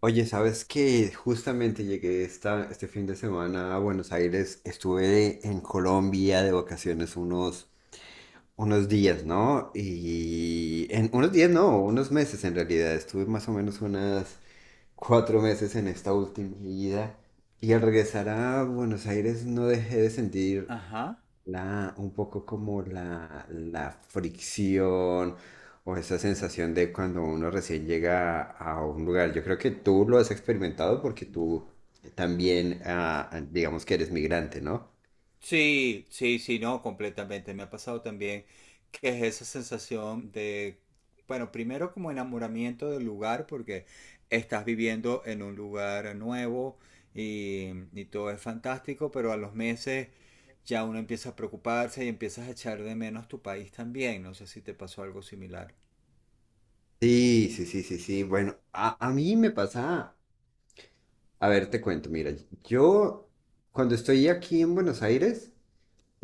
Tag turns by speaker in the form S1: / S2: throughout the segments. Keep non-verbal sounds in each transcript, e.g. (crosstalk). S1: Oye, ¿sabes qué? Justamente llegué este fin de semana a Buenos Aires. Estuve en Colombia de vacaciones unos días, ¿no? Y en unos días, no, unos meses en realidad. Estuve más o menos unas cuatro meses en esta última ida. Y al regresar a Buenos Aires no dejé de sentir
S2: Ajá.
S1: un poco como la fricción o esa sensación de cuando uno recién llega a un lugar. Yo creo que tú lo has experimentado porque tú también, digamos que eres migrante, ¿no?
S2: Sí, sí, sí, no, completamente. Me ha pasado también que es esa sensación de, bueno, primero como enamoramiento del lugar, porque estás viviendo en un lugar nuevo y todo es fantástico, pero a los meses ya uno empieza a preocuparse y empiezas a echar de menos tu país también. No sé si te pasó algo similar.
S1: Sí, sí, sí, sí, sí. Bueno, a mí me pasa, a ver, te cuento, mira, yo cuando estoy aquí en Buenos Aires,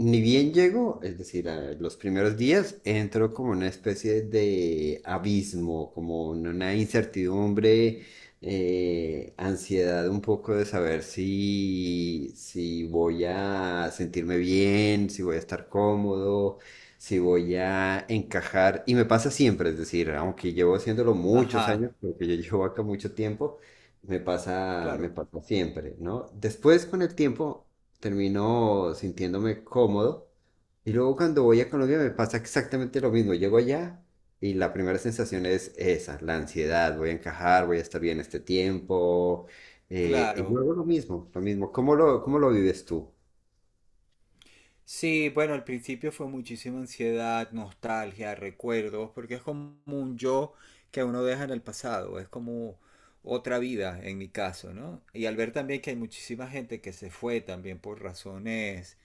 S1: ni bien llegó, es decir, a los primeros días entró como una especie de abismo, como una incertidumbre, ansiedad un poco de saber si voy a sentirme bien, si voy a estar cómodo, si voy a encajar. Y me pasa siempre, es decir, aunque llevo haciéndolo muchos
S2: Ajá,
S1: años, porque yo llevo acá mucho tiempo, me
S2: claro,
S1: pasa siempre, ¿no? Después con el tiempo termino sintiéndome cómodo. Y luego cuando voy a Colombia me pasa exactamente lo mismo. Llego allá y la primera sensación es esa, la ansiedad, voy a encajar, voy a estar bien este tiempo. Y
S2: claro.
S1: luego lo mismo, lo mismo. ¿Cómo cómo lo vives tú?
S2: Sí, bueno, al principio fue muchísima ansiedad, nostalgia, recuerdos, porque es como un yo que uno deja en el pasado, es como otra vida en mi caso, ¿no? Y al ver también que hay muchísima gente que se fue también por razones,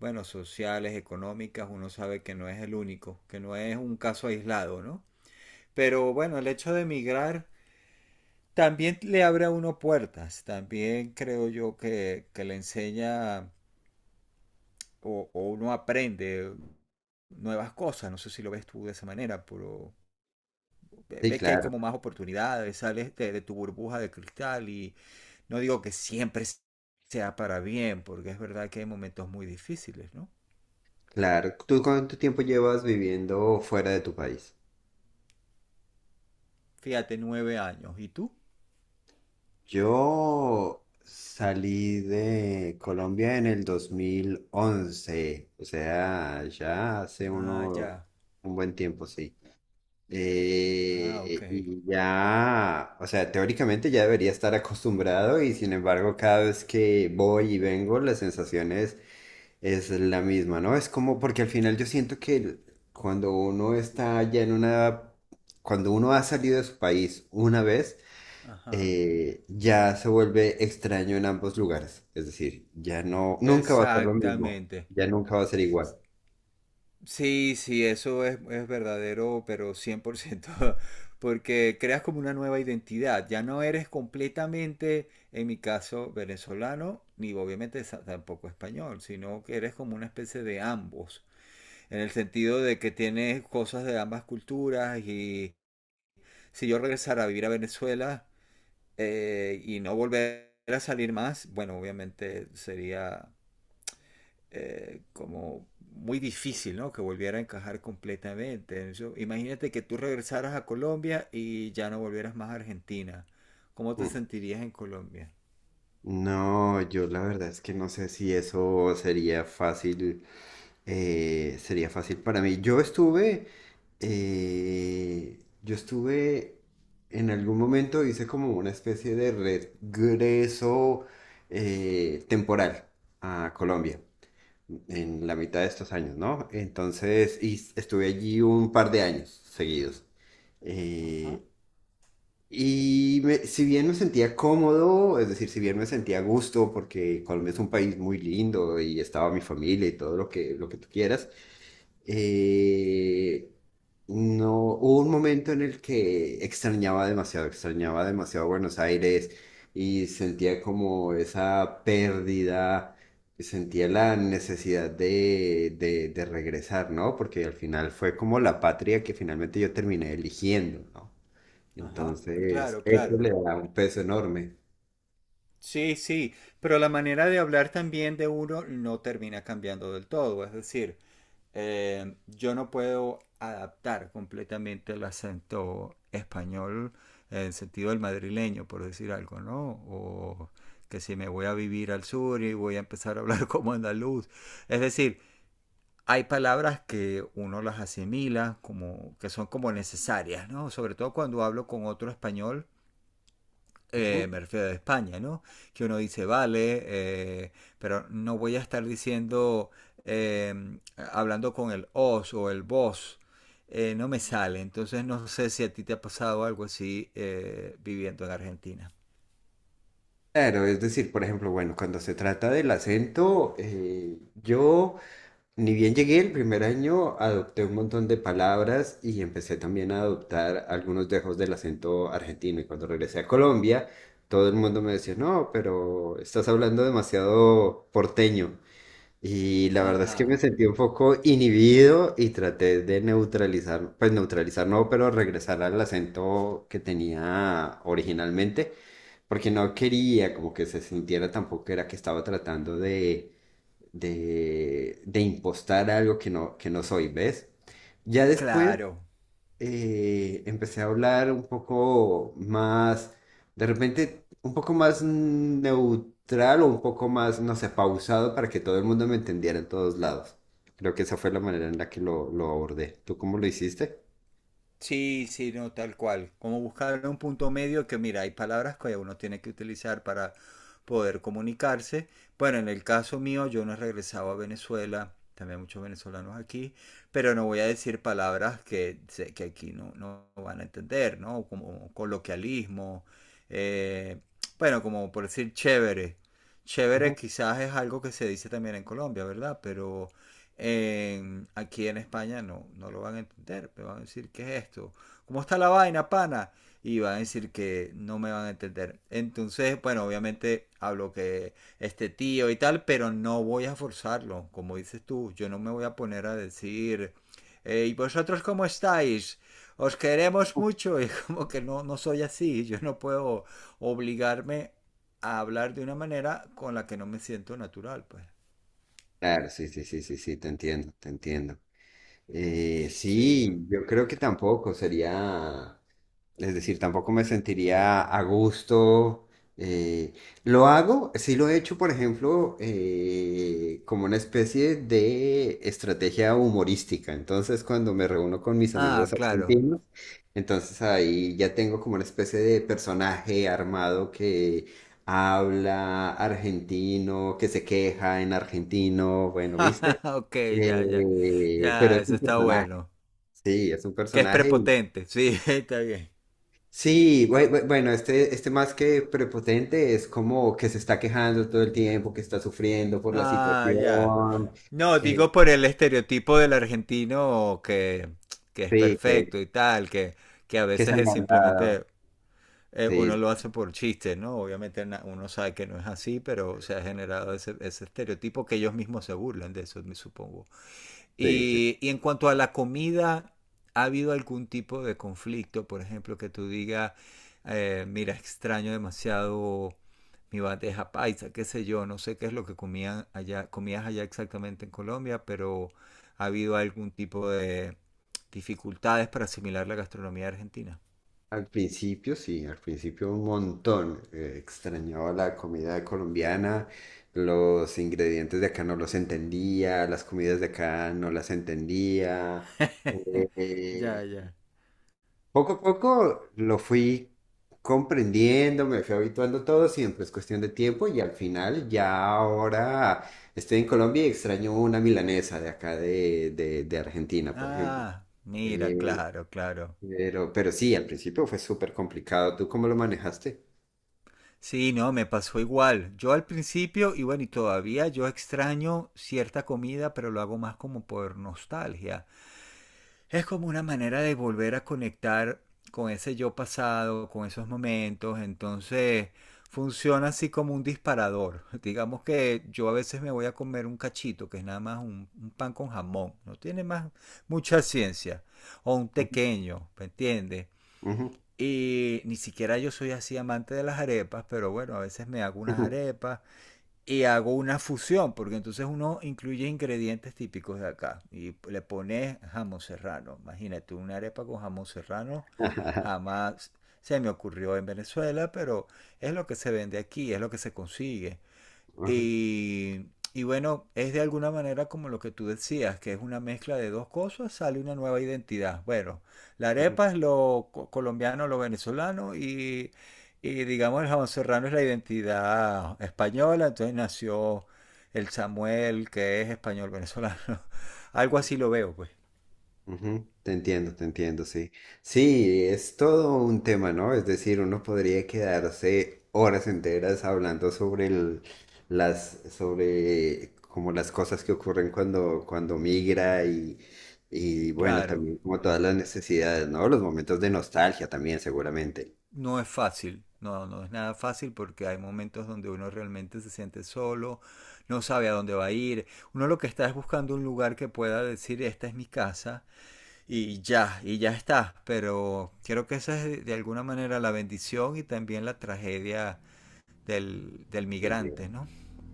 S2: bueno, sociales, económicas, uno sabe que no es el único, que no es un caso aislado, ¿no? Pero bueno, el hecho de emigrar también le abre a uno puertas, también creo yo que le enseña o uno aprende nuevas cosas. No sé si lo ves tú de esa manera, pero
S1: Sí,
S2: ves que hay
S1: claro,
S2: como más oportunidades, sales de, de tu burbuja de cristal y no digo que siempre sea para bien, porque es verdad que hay momentos muy difíciles, ¿no?
S1: claro. ¿Tú cuánto tiempo llevas viviendo fuera de tu país?
S2: Fíjate, 9 años. ¿Y tú?
S1: Yo salí de Colombia en el 2011, o sea, ya hace
S2: Ah, ya.
S1: un buen tiempo, sí.
S2: Ah, ok.
S1: Y ya, o sea, teóricamente ya debería estar acostumbrado y sin embargo cada vez que voy y vengo la sensación es la misma, ¿no? Es como porque al final yo siento que cuando uno está ya en una, cuando uno ha salido de su país una vez,
S2: Ajá.
S1: ya se vuelve extraño en ambos lugares, es decir, ya no, nunca va a ser lo mismo,
S2: Exactamente.
S1: ya nunca va a ser igual.
S2: Sí, sí, eso es verdadero, pero 100%. (laughs) Porque creas como una nueva identidad. Ya no eres completamente, en mi caso, venezolano, ni obviamente tampoco español, sino que eres como una especie de ambos, en el sentido de que tienes cosas de ambas culturas y si yo regresara a vivir a Venezuela y no volver a salir más, bueno, obviamente sería como muy difícil, ¿no? Que volviera a encajar completamente. Imagínate que tú regresaras a Colombia y ya no volvieras más a Argentina. ¿Cómo te sentirías en Colombia?
S1: No, yo la verdad es que no sé si eso sería fácil para mí. Yo estuve en algún momento hice como una especie de regreso temporal a Colombia en la mitad de estos años, ¿no? Entonces, y estuve allí un par de años seguidos.
S2: Ajá,
S1: Eh, si bien me sentía cómodo, es decir, si bien me sentía a gusto, porque Colombia es un país muy lindo y estaba mi familia y todo lo lo que tú quieras, eh, no, hubo un momento en el que extrañaba demasiado Buenos Aires y sentía como esa pérdida, sentía la necesidad de regresar, ¿no? Porque al final fue como la patria que finalmente yo terminé eligiendo, ¿no?
S2: ajá,
S1: Entonces,
S2: claro,
S1: eso
S2: claro.
S1: le da un peso enorme.
S2: Sí, sí, pero la manera de hablar también de uno no termina cambiando del todo. Es decir, yo no puedo adaptar completamente el acento español en el sentido del madrileño, por decir algo, ¿no? O que si me voy a vivir al sur y voy a empezar a hablar (laughs) como andaluz. Es decir, hay palabras que uno las asimila como que son como necesarias, ¿no? Sobre todo cuando hablo con otro español,
S1: Ujú.
S2: me refiero a España, ¿no? Que uno dice, vale, pero no voy a estar diciendo, eh, hablando con el os o el vos, no me sale. Entonces no sé si a ti te ha pasado algo así, viviendo en Argentina.
S1: Claro, es decir, por ejemplo, bueno, cuando se trata del acento, yo ni bien llegué el primer año, adopté un montón de palabras y empecé también a adoptar algunos dejos del acento argentino. Y cuando regresé a Colombia, todo el mundo me decía, no, pero estás hablando demasiado porteño. Y la verdad es que me
S2: Ajá.
S1: sentí un poco inhibido y traté de neutralizar, pues neutralizar no, pero regresar al acento que tenía originalmente, porque no quería como que se sintiera tampoco que era que estaba tratando de impostar algo que no soy, ¿ves? Ya después
S2: Claro.
S1: empecé a hablar un poco más, de repente un poco más neutral o un poco más, no sé, pausado para que todo el mundo me entendiera en todos lados. Creo que esa fue la manera en la que lo abordé. ¿Tú cómo lo hiciste?
S2: Sí, sí, no, tal cual. Como buscar un punto medio que, mira, hay palabras que uno tiene que utilizar para poder comunicarse. Bueno, en el caso mío, yo no he regresado a Venezuela, también hay muchos venezolanos aquí, pero no voy a decir palabras que sé que aquí no van a entender, ¿no? Como coloquialismo, eh, bueno, como por decir chévere. Chévere
S1: Ujú.
S2: quizás es algo que se dice también en Colombia, ¿verdad? Pero aquí en España no lo van a entender. Me van a decir, ¿qué es esto? ¿Cómo está la vaina, pana? Y van a decir que no me van a entender. Entonces, bueno, obviamente hablo que este tío y tal, pero no voy a forzarlo. Como dices tú, yo no me voy a poner a decir, ¿y vosotros cómo estáis? Os queremos mucho. (laughs) Y como que no, no soy así. Yo no puedo obligarme a hablar de una manera con la que no me siento natural, pues.
S1: Claro, sí, sí, sí, sí, sí, te entiendo, te entiendo.
S2: Sí.
S1: Sí, yo creo que tampoco sería. Es decir, tampoco me sentiría a gusto. eh, lo hago, sí lo he hecho, por ejemplo, como una especie de estrategia humorística. Entonces, cuando me reúno con mis
S2: Ah,
S1: amigos
S2: claro.
S1: argentinos, entonces ahí ya tengo como una especie de personaje armado que habla argentino, que se queja en argentino, bueno, ¿viste?
S2: (laughs) Ok, ya, ya.
S1: Pero
S2: Ya,
S1: es
S2: eso
S1: un
S2: está
S1: personaje,
S2: bueno.
S1: sí, es un
S2: Que es
S1: personaje.
S2: prepotente, sí, (laughs) está bien.
S1: Sí, bueno, este más que prepotente es como que se está quejando todo el tiempo, que está sufriendo por la
S2: Ah, ya.
S1: situación,
S2: No,
S1: eh,
S2: digo por el estereotipo del argentino que es
S1: sí,
S2: perfecto y tal, que a
S1: que es
S2: veces es
S1: agrandado.
S2: simplemente
S1: Sí,
S2: uno lo hace por chiste, ¿no? Obviamente uno sabe que no es así, pero se ha generado ese estereotipo que ellos mismos se burlan de eso, me supongo.
S1: sí, sí.
S2: Y en cuanto a la comida, ¿ha habido algún tipo de conflicto? Por ejemplo, que tú digas, mira, extraño demasiado mi bandeja paisa, qué sé yo, no sé qué es lo que comían allá, comías allá exactamente en Colombia, pero ¿ha habido algún tipo de dificultades para asimilar la gastronomía argentina?
S1: Al principio, sí, al principio un montón. Extrañaba la comida colombiana, los ingredientes de acá no los entendía, las comidas de acá no las entendía.
S2: (laughs) Ya, ya.
S1: Poco a poco lo fui comprendiendo, me fui habituando todo, siempre es cuestión de tiempo y al final ya ahora estoy en Colombia y extraño una milanesa de acá de Argentina, por ejemplo.
S2: Ah, mira,
S1: Eh,
S2: claro, claro.
S1: pero sí, al principio fue súper complicado. ¿Tú cómo lo manejaste?
S2: Sí, no, me pasó igual. Yo al principio, y bueno, y todavía yo extraño cierta comida, pero lo hago más como por nostalgia. Es como una manera de volver a conectar con ese yo pasado, con esos momentos. Entonces, funciona así como un disparador. (laughs) Digamos que yo a veces me voy a comer un cachito, que es nada más un pan con jamón. No tiene más mucha ciencia. O un
S1: Ujú,
S2: tequeño, ¿me entiendes?
S1: ujú,
S2: Y ni siquiera yo soy así amante de las arepas, pero bueno, a veces me hago unas
S1: ujú.
S2: arepas y hago una fusión, porque entonces uno incluye ingredientes típicos de acá y le pones jamón serrano. Imagínate una arepa con jamón serrano,
S1: (laughs)
S2: jamás se me ocurrió en Venezuela, pero es lo que se vende aquí, es lo que se consigue.
S1: Ujú,
S2: Y bueno, es de alguna manera como lo que tú decías, que es una mezcla de dos cosas, sale una nueva identidad. Bueno, la arepa es lo colombiano, lo venezolano y digamos el jamón serrano es la identidad española, entonces nació el Samuel, que es español venezolano. (laughs) Algo
S1: ujú.
S2: así lo veo, pues.
S1: Ujú, te entiendo, te entiendo, sí. Sí, es todo un tema, ¿no? Es decir, uno podría quedarse horas enteras hablando sobre las, sobre como las cosas que ocurren cuando migra y bueno,
S2: Claro.
S1: también como todas las necesidades, ¿no? Los momentos de nostalgia también, seguramente.
S2: No es fácil, no, no es nada fácil porque hay momentos donde uno realmente se siente solo, no sabe a dónde va a ir. Uno lo que está es buscando un lugar que pueda decir, esta es mi casa y ya está. Pero creo que esa es de alguna manera la bendición y también la tragedia del migrante, ¿no?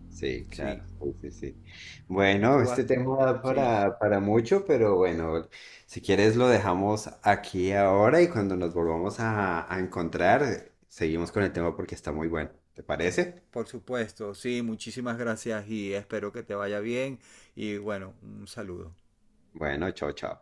S1: Sí,
S2: Sí,
S1: claro, sí, sí, sí. Bueno,
S2: tú
S1: este
S2: vas,
S1: tema da
S2: sí,
S1: para mucho, pero bueno, si quieres lo dejamos aquí ahora y cuando nos volvamos a encontrar, seguimos con el tema porque está muy bueno. ¿Te parece?
S2: por supuesto, sí, muchísimas gracias y espero que te vaya bien y bueno, un saludo.
S1: Bueno, chao, chao.